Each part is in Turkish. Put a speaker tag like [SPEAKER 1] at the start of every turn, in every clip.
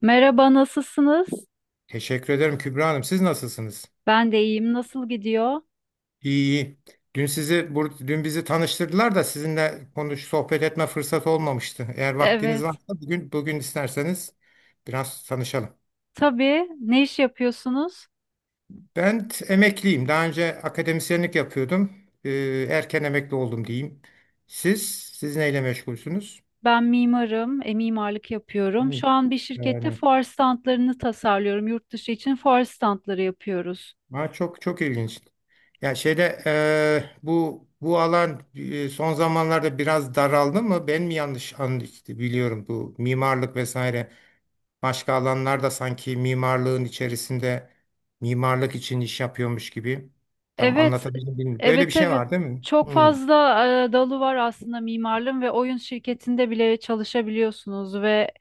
[SPEAKER 1] Merhaba, nasılsınız?
[SPEAKER 2] Teşekkür ederim Kübra Hanım. Siz nasılsınız?
[SPEAKER 1] Ben de iyiyim. Nasıl gidiyor?
[SPEAKER 2] İyi iyi. Dün bizi tanıştırdılar da sizinle sohbet etme fırsatı olmamıştı. Eğer vaktiniz
[SPEAKER 1] Evet.
[SPEAKER 2] varsa bugün isterseniz biraz tanışalım.
[SPEAKER 1] Tabii. Ne iş yapıyorsunuz?
[SPEAKER 2] Ben emekliyim. Daha önce akademisyenlik yapıyordum. Erken emekli oldum diyeyim. Siz neyle meşgulsünüz?
[SPEAKER 1] Ben mimarım, mimarlık yapıyorum.
[SPEAKER 2] Hı.
[SPEAKER 1] Şu an bir şirkette
[SPEAKER 2] Yani.
[SPEAKER 1] fuar standlarını tasarlıyorum. Yurt dışı için fuar standları yapıyoruz.
[SPEAKER 2] Ha, çok çok ilginç. Ya şeyde bu alan son zamanlarda biraz daraldı mı? Ben mi yanlış anladım, biliyorum bu mimarlık vesaire başka alanlarda sanki mimarlığın içerisinde mimarlık için iş yapıyormuş gibi. Tam
[SPEAKER 1] Evet,
[SPEAKER 2] anlatabildim bilmiyorum. Böyle bir
[SPEAKER 1] evet,
[SPEAKER 2] şey
[SPEAKER 1] evet.
[SPEAKER 2] var değil mi?
[SPEAKER 1] Çok
[SPEAKER 2] Hmm.
[SPEAKER 1] fazla dalı var aslında mimarlığın ve oyun şirketinde bile çalışabiliyorsunuz ve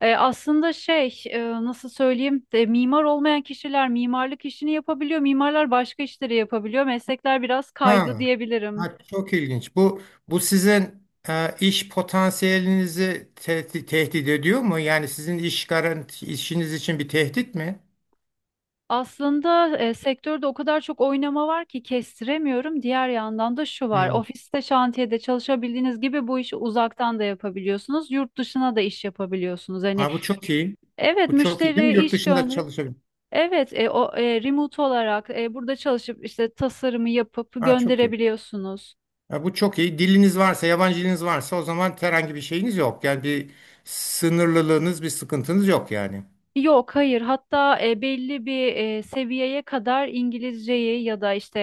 [SPEAKER 1] Aslında nasıl söyleyeyim de, mimar olmayan kişiler mimarlık işini yapabiliyor. Mimarlar başka işleri yapabiliyor. Meslekler biraz kaydı
[SPEAKER 2] Ha.
[SPEAKER 1] diyebilirim.
[SPEAKER 2] Ha, çok ilginç. Bu sizin iş potansiyelinizi tehdit ediyor mu? Yani sizin iş garanti işiniz için bir tehdit mi?
[SPEAKER 1] Aslında sektörde o kadar çok oynama var ki kestiremiyorum. Diğer yandan da şu var. Ofiste, şantiyede çalışabildiğiniz gibi bu işi uzaktan da yapabiliyorsunuz. Yurt dışına da iş yapabiliyorsunuz. Hani
[SPEAKER 2] Ha, bu çok iyi.
[SPEAKER 1] evet,
[SPEAKER 2] Bu çok iyi değil
[SPEAKER 1] müşteri
[SPEAKER 2] mi? Yurt
[SPEAKER 1] iş
[SPEAKER 2] dışında
[SPEAKER 1] gönderir.
[SPEAKER 2] çalışabilir.
[SPEAKER 1] Evet, remote olarak burada çalışıp işte tasarımı yapıp
[SPEAKER 2] Ha, çok iyi.
[SPEAKER 1] gönderebiliyorsunuz.
[SPEAKER 2] Ha, bu çok iyi. Diliniz varsa, yabancı diliniz varsa o zaman herhangi bir şeyiniz yok. Yani bir sınırlılığınız, bir sıkıntınız yok yani.
[SPEAKER 1] Yok, hayır. Hatta belli bir seviyeye kadar İngilizceyi ya da işte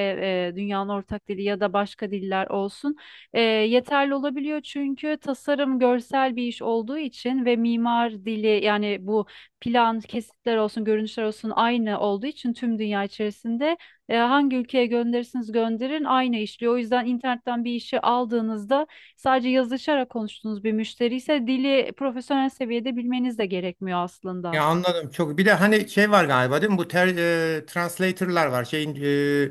[SPEAKER 1] dünyanın ortak dili ya da başka diller olsun yeterli olabiliyor. Çünkü tasarım görsel bir iş olduğu için ve mimar dili, yani bu plan, kesitler olsun, görünüşler olsun aynı olduğu için tüm dünya içerisinde hangi ülkeye gönderirsiniz gönderin aynı işliyor. O yüzden internetten bir işi aldığınızda sadece yazışarak konuştuğunuz bir müşteri ise dili profesyonel seviyede bilmeniz de gerekmiyor aslında.
[SPEAKER 2] Ya anladım çok. Bir de hani şey var galiba değil mi? Translator'lar var. Şeyin,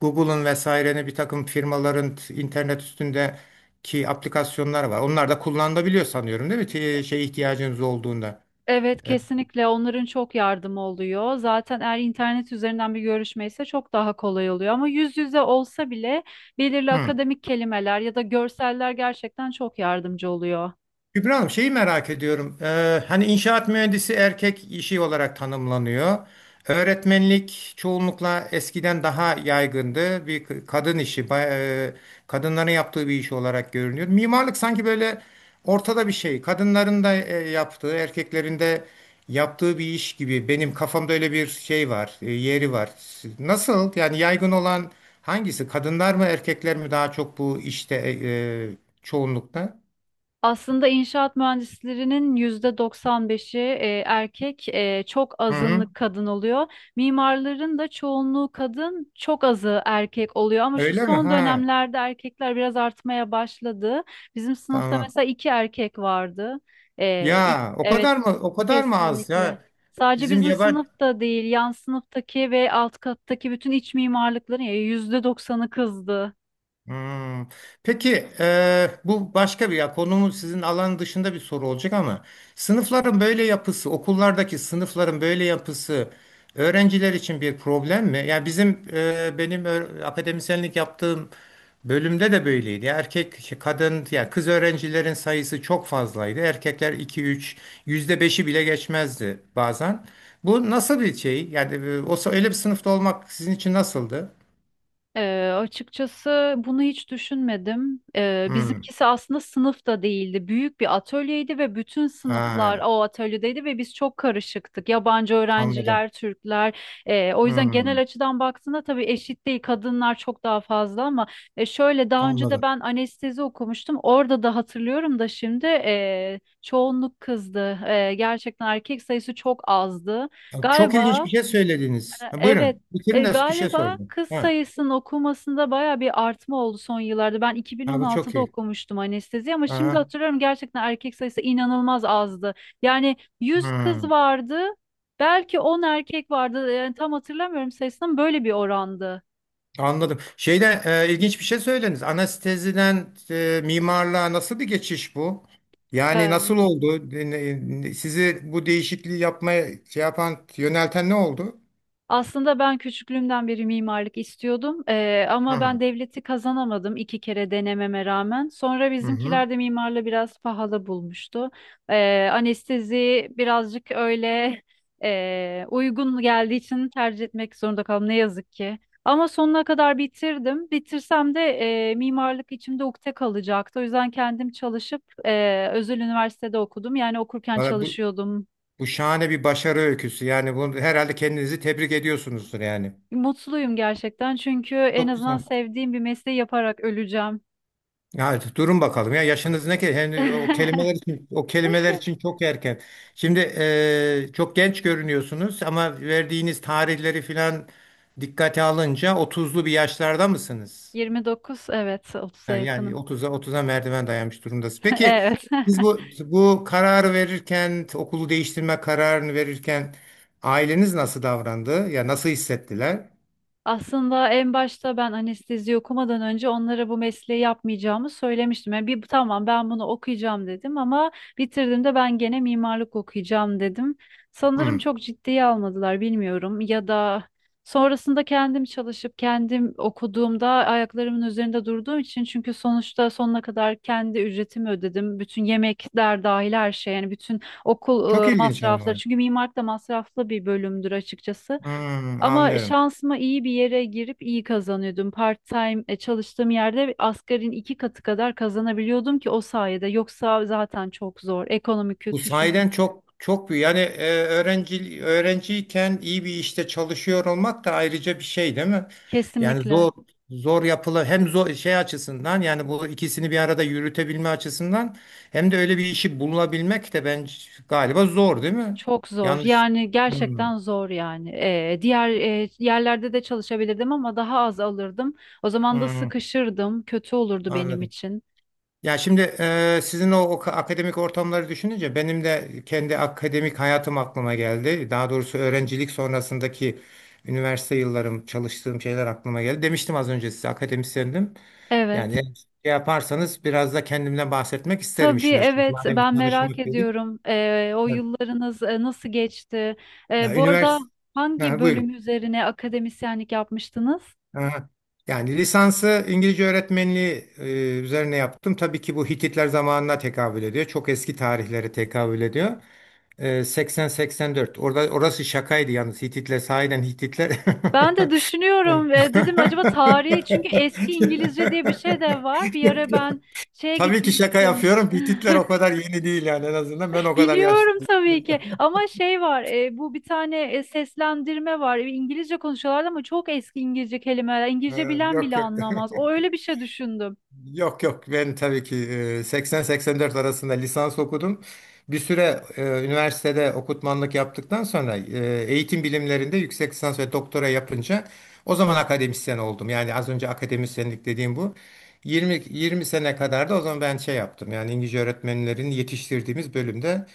[SPEAKER 2] Google'ın, vesairenin, bir takım firmaların internet üstündeki aplikasyonlar var. Onlar da kullanılabiliyor sanıyorum değil mi? Şey ihtiyacınız olduğunda.
[SPEAKER 1] Evet,
[SPEAKER 2] E,
[SPEAKER 1] kesinlikle onların çok yardımı oluyor. Zaten eğer internet üzerinden bir görüşme ise çok daha kolay oluyor. Ama yüz yüze olsa bile belirli
[SPEAKER 2] Hı.
[SPEAKER 1] akademik kelimeler ya da görseller gerçekten çok yardımcı oluyor.
[SPEAKER 2] Kübra Hanım şeyi merak ediyorum. Hani inşaat mühendisi erkek işi olarak tanımlanıyor. Öğretmenlik çoğunlukla eskiden daha yaygındı. Bir kadın işi, e, kadınların yaptığı bir iş olarak görünüyor. Mimarlık sanki böyle ortada bir şey. Kadınların da yaptığı, erkeklerin de yaptığı bir iş gibi. Benim kafamda öyle bir şey var, yeri var. Nasıl? Yani yaygın olan hangisi? Kadınlar mı, erkekler mi daha çok bu işte e, çoğunlukta?
[SPEAKER 1] Aslında inşaat mühendislerinin %95'i erkek, çok
[SPEAKER 2] Hı hı.
[SPEAKER 1] azınlık kadın oluyor. Mimarların da çoğunluğu kadın, çok azı erkek oluyor. Ama şu
[SPEAKER 2] Öyle mi?
[SPEAKER 1] son
[SPEAKER 2] Ha,
[SPEAKER 1] dönemlerde erkekler biraz artmaya başladı. Bizim sınıfta
[SPEAKER 2] tamam.
[SPEAKER 1] mesela iki erkek vardı.
[SPEAKER 2] Ya o
[SPEAKER 1] Evet,
[SPEAKER 2] kadar mı? O kadar mı az?
[SPEAKER 1] kesinlikle.
[SPEAKER 2] Ya
[SPEAKER 1] Sadece
[SPEAKER 2] bizim
[SPEAKER 1] bizim
[SPEAKER 2] yaban
[SPEAKER 1] sınıfta değil, yan sınıftaki ve alt kattaki bütün iç mimarlıkların yüzde %90'ı kızdı.
[SPEAKER 2] Hmm. Peki, bu başka bir, ya konumun sizin alan dışında bir soru olacak ama sınıfların böyle yapısı, okullardaki sınıfların böyle yapısı öğrenciler için bir problem mi? Yani bizim benim akademisyenlik yaptığım bölümde de böyleydi. Ya erkek, şey, kadın, ya kız öğrencilerin sayısı çok fazlaydı. Erkekler iki üç, %5'i bile geçmezdi bazen. Bu nasıl bir şey? Yani olsa öyle bir sınıfta olmak sizin için nasıldı?
[SPEAKER 1] Açıkçası bunu hiç düşünmedim.
[SPEAKER 2] Hmm.
[SPEAKER 1] Bizimkisi aslında sınıfta değildi. Büyük bir atölyeydi ve bütün sınıflar
[SPEAKER 2] Ha,
[SPEAKER 1] o atölyedeydi ve biz çok karışıktık. Yabancı
[SPEAKER 2] anladım.
[SPEAKER 1] öğrenciler, Türkler. O yüzden genel
[SPEAKER 2] Hmm,
[SPEAKER 1] açıdan baktığında tabii eşit değil. Kadınlar çok daha fazla ama şöyle daha önce de
[SPEAKER 2] anladım.
[SPEAKER 1] ben anestezi okumuştum. Orada da hatırlıyorum da şimdi çoğunluk kızdı. Gerçekten erkek sayısı çok azdı.
[SPEAKER 2] Ya, çok ilginç bir
[SPEAKER 1] Galiba.
[SPEAKER 2] şey söylediniz. Ha,
[SPEAKER 1] Evet.
[SPEAKER 2] buyurun. Bitirin de bir şey
[SPEAKER 1] Galiba
[SPEAKER 2] sordum.
[SPEAKER 1] kız
[SPEAKER 2] Ha,
[SPEAKER 1] sayısının okunmasında baya bir artma oldu son yıllarda. Ben
[SPEAKER 2] ha, bu çok
[SPEAKER 1] 2016'da
[SPEAKER 2] iyi.
[SPEAKER 1] okumuştum anestezi ama şimdi
[SPEAKER 2] Aha,
[SPEAKER 1] hatırlıyorum gerçekten erkek sayısı inanılmaz azdı. Yani yüz kız
[SPEAKER 2] hmm,
[SPEAKER 1] vardı, belki 10 erkek vardı. Yani tam hatırlamıyorum sayısını ama böyle bir orandı.
[SPEAKER 2] anladım. Şeyde ilginç bir şey söylediniz. Anesteziden mimarlığa nasıl bir geçiş bu? Yani nasıl oldu? Sizi bu değişikliği yapmaya şey yapan, yönelten ne oldu?
[SPEAKER 1] Aslında ben küçüklüğümden beri mimarlık istiyordum.
[SPEAKER 2] Hı
[SPEAKER 1] Ama ben
[SPEAKER 2] hı.
[SPEAKER 1] devleti kazanamadım iki kere denememe rağmen. Sonra
[SPEAKER 2] Hı.
[SPEAKER 1] bizimkiler de mimarlığı biraz pahalı bulmuştu. Anestezi birazcık öyle uygun geldiği için tercih etmek zorunda kaldım ne yazık ki. Ama sonuna kadar bitirdim. Bitirsem de mimarlık içimde ukde kalacaktı. O yüzden kendim çalışıp özel üniversitede okudum. Yani okurken
[SPEAKER 2] Valla, Bu,
[SPEAKER 1] çalışıyordum.
[SPEAKER 2] bu şahane bir başarı öyküsü. Yani bunu herhalde kendinizi tebrik ediyorsunuzdur yani.
[SPEAKER 1] Mutluyum gerçekten çünkü en
[SPEAKER 2] Çok
[SPEAKER 1] azından
[SPEAKER 2] güzel.
[SPEAKER 1] sevdiğim bir mesleği yaparak öleceğim.
[SPEAKER 2] Ya durun bakalım, ya yaşınız ne ki? Hani o kelimeler için o kelimeler için çok erken. Şimdi çok genç görünüyorsunuz ama verdiğiniz tarihleri filan dikkate alınca otuzlu bir yaşlarda mısınız?
[SPEAKER 1] 29, evet, 30'a
[SPEAKER 2] Yani
[SPEAKER 1] yakınım.
[SPEAKER 2] 30'a merdiven dayanmış durumdasınız. Peki
[SPEAKER 1] Evet.
[SPEAKER 2] siz bu kararı verirken, okulu değiştirme kararını verirken aileniz nasıl davrandı? Ya nasıl hissettiler?
[SPEAKER 1] Aslında en başta ben anestezi okumadan önce onlara bu mesleği yapmayacağımı söylemiştim. Yani bir tamam, ben bunu okuyacağım dedim ama bitirdiğimde ben gene mimarlık okuyacağım dedim. Sanırım
[SPEAKER 2] Hmm.
[SPEAKER 1] çok ciddiye almadılar, bilmiyorum, ya da sonrasında kendim çalışıp kendim okuduğumda ayaklarımın üzerinde durduğum için, çünkü sonuçta sonuna kadar kendi ücretimi ödedim. Bütün yemekler dahil her şey, yani bütün okul
[SPEAKER 2] Çok ilginç
[SPEAKER 1] masrafları,
[SPEAKER 2] ama.
[SPEAKER 1] çünkü mimarlık da masraflı bir bölümdür açıkçası.
[SPEAKER 2] Hmm,
[SPEAKER 1] Ama
[SPEAKER 2] anlıyorum.
[SPEAKER 1] şansıma iyi bir yere girip iyi kazanıyordum. Part-time çalıştığım yerde asgarin iki katı kadar kazanabiliyordum ki o sayede. Yoksa zaten çok zor. Ekonomi
[SPEAKER 2] Bu
[SPEAKER 1] kötü
[SPEAKER 2] sahiden
[SPEAKER 1] çünkü.
[SPEAKER 2] çok çok büyük. Yani öğrenciyken iyi bir işte çalışıyor olmak da ayrıca bir şey değil mi? Yani
[SPEAKER 1] Kesinlikle.
[SPEAKER 2] zor yapılı, hem zor şey açısından, yani bu ikisini bir arada yürütebilme açısından, hem de öyle bir işi bulabilmek de ben galiba zor değil mi?
[SPEAKER 1] Çok zor.
[SPEAKER 2] Yanlış.
[SPEAKER 1] Yani
[SPEAKER 2] Hmm,
[SPEAKER 1] gerçekten zor yani. Yerlerde de çalışabilirdim ama daha az alırdım. O zaman da
[SPEAKER 2] hmm,
[SPEAKER 1] sıkışırdım. Kötü olurdu benim
[SPEAKER 2] anladım.
[SPEAKER 1] için.
[SPEAKER 2] Ya şimdi sizin o akademik ortamları düşününce benim de kendi akademik hayatım aklıma geldi. Daha doğrusu öğrencilik sonrasındaki üniversite yıllarım, çalıştığım şeyler aklıma geldi. Demiştim az önce size akademisyendim. Yani
[SPEAKER 1] Evet.
[SPEAKER 2] eğer şey yaparsanız biraz da kendimden bahsetmek isterim
[SPEAKER 1] Tabii,
[SPEAKER 2] işin açıkçası.
[SPEAKER 1] evet,
[SPEAKER 2] Madem bir
[SPEAKER 1] ben merak
[SPEAKER 2] tanışmak dedik.
[SPEAKER 1] ediyorum. O yıllarınız nasıl geçti?
[SPEAKER 2] Ya,
[SPEAKER 1] Bu arada
[SPEAKER 2] üniversite.
[SPEAKER 1] hangi
[SPEAKER 2] Ha,
[SPEAKER 1] bölüm
[SPEAKER 2] buyurun.
[SPEAKER 1] üzerine akademisyenlik yapmıştınız?
[SPEAKER 2] Aha. Yani lisansı İngilizce öğretmenliği üzerine yaptım. Tabii ki bu Hititler zamanına tekabül ediyor. Çok eski tarihlere tekabül ediyor. 80-84. Orası şakaydı yalnız. Hititler, sahiden Hititler.
[SPEAKER 1] Ben de düşünüyorum, dedim acaba tarihi, çünkü eski İngilizce diye bir şey de var. Bir ara ben şeye
[SPEAKER 2] Tabii ki şaka
[SPEAKER 1] gitmiştim.
[SPEAKER 2] yapıyorum. Hititler o kadar yeni değil yani, en azından ben o kadar yaşlı
[SPEAKER 1] Biliyorum tabii
[SPEAKER 2] değilim.
[SPEAKER 1] ki, ama şey var, bu bir tane seslendirme var. İngilizce konuşuyorlar ama çok eski İngilizce kelimeler,
[SPEAKER 2] E,
[SPEAKER 1] İngilizce bilen
[SPEAKER 2] Yok
[SPEAKER 1] bile
[SPEAKER 2] yok.
[SPEAKER 1] anlamaz, o öyle bir şey düşündüm.
[SPEAKER 2] Yok yok, ben tabii ki 80-84 arasında lisans okudum. Bir süre üniversitede okutmanlık yaptıktan sonra eğitim bilimlerinde yüksek lisans ve doktora yapınca o zaman akademisyen oldum. Yani az önce akademisyenlik dediğim bu. 20 sene kadar da o zaman ben şey yaptım. Yani İngilizce öğretmenlerin yetiştirdiğimiz bölümde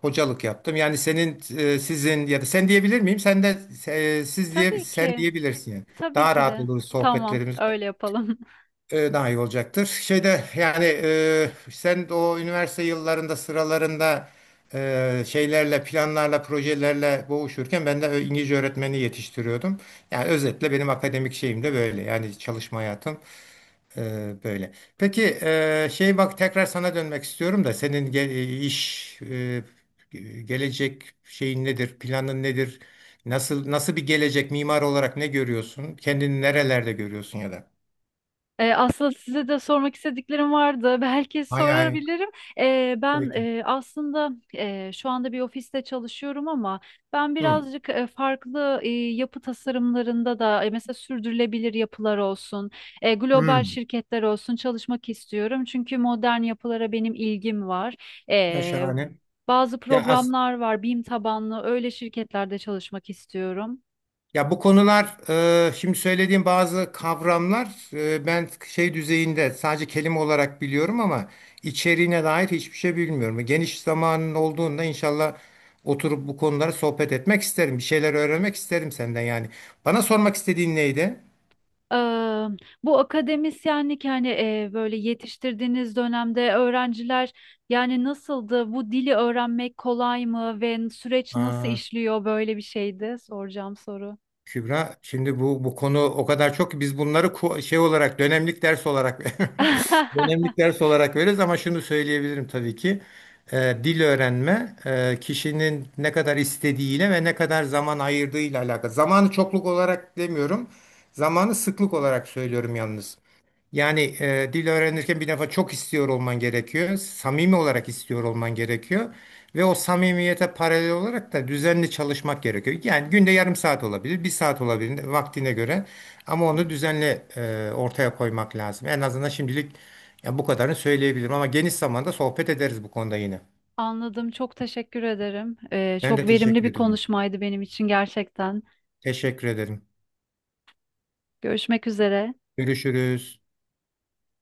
[SPEAKER 2] hocalık yaptım. Yani senin, sizin, ya da sen diyebilir miyim? Sen de siz diye
[SPEAKER 1] Tabii
[SPEAKER 2] sen
[SPEAKER 1] ki.
[SPEAKER 2] diyebilirsin, yani.
[SPEAKER 1] Tabii
[SPEAKER 2] Daha
[SPEAKER 1] ki
[SPEAKER 2] rahat
[SPEAKER 1] de.
[SPEAKER 2] olur
[SPEAKER 1] Tamam,
[SPEAKER 2] sohbetlerimiz,
[SPEAKER 1] öyle yapalım.
[SPEAKER 2] daha iyi olacaktır. Şeyde yani sen o üniversite yıllarında, sıralarında, şeylerle, planlarla, projelerle boğuşurken ben de İngilizce öğretmeni yetiştiriyordum. Yani özetle benim akademik şeyim de böyle. Yani çalışma hayatım böyle. Peki, şey, bak, tekrar sana dönmek istiyorum da senin iş, gelecek şeyin nedir, planın nedir? Nasıl bir gelecek mimar olarak ne görüyorsun? Kendini nerelerde görüyorsun ya da?
[SPEAKER 1] Aslında size de sormak istediklerim vardı. Belki
[SPEAKER 2] Hay hay.
[SPEAKER 1] sorabilirim.
[SPEAKER 2] Tabii ki.
[SPEAKER 1] Aslında şu anda bir ofiste çalışıyorum ama ben
[SPEAKER 2] Hı,
[SPEAKER 1] birazcık farklı yapı tasarımlarında da, mesela sürdürülebilir yapılar olsun,
[SPEAKER 2] hı.
[SPEAKER 1] global şirketler olsun, çalışmak istiyorum. Çünkü modern yapılara benim ilgim var.
[SPEAKER 2] Ya
[SPEAKER 1] Ee,
[SPEAKER 2] şahane.
[SPEAKER 1] bazı
[SPEAKER 2] Ya as
[SPEAKER 1] programlar var, BİM tabanlı öyle şirketlerde çalışmak istiyorum.
[SPEAKER 2] ya bu konular, şimdi söylediğim bazı kavramlar, ben şey düzeyinde sadece kelime olarak biliyorum ama içeriğine dair hiçbir şey bilmiyorum. Geniş zamanın olduğunda inşallah oturup bu konuları sohbet etmek isterim. Bir şeyler öğrenmek isterim senden yani. Bana sormak istediğin neydi?
[SPEAKER 1] Eee, bu akademisyenlik, yani böyle yetiştirdiğiniz dönemde öğrenciler yani nasıldı? Bu dili öğrenmek kolay mı ve süreç nasıl
[SPEAKER 2] Aa.
[SPEAKER 1] işliyor, böyle bir şeydi soracağım soru.
[SPEAKER 2] Kübra, şimdi bu konu o kadar çok ki biz bunları şey olarak, dönemlik ders olarak dönemlik ders olarak veririz ama şunu söyleyebilirim tabii ki. Dil öğrenme kişinin ne kadar istediğiyle ve ne kadar zaman ayırdığıyla alakalı. Zamanı çokluk olarak demiyorum, zamanı sıklık olarak söylüyorum yalnız. Yani dil öğrenirken bir defa çok istiyor olman gerekiyor. Samimi olarak istiyor olman gerekiyor. Ve o samimiyete paralel olarak da düzenli çalışmak gerekiyor. Yani günde yarım saat olabilir, bir saat olabilir vaktine göre. Ama onu düzenli ortaya koymak lazım. En azından şimdilik ya bu kadarını söyleyebilirim. Ama geniş zamanda sohbet ederiz bu konuda yine.
[SPEAKER 1] Anladım. Çok teşekkür ederim.
[SPEAKER 2] Ben de
[SPEAKER 1] Çok verimli
[SPEAKER 2] teşekkür
[SPEAKER 1] bir
[SPEAKER 2] ediyorum.
[SPEAKER 1] konuşmaydı benim için gerçekten.
[SPEAKER 2] Teşekkür ederim.
[SPEAKER 1] Görüşmek üzere.
[SPEAKER 2] Görüşürüz.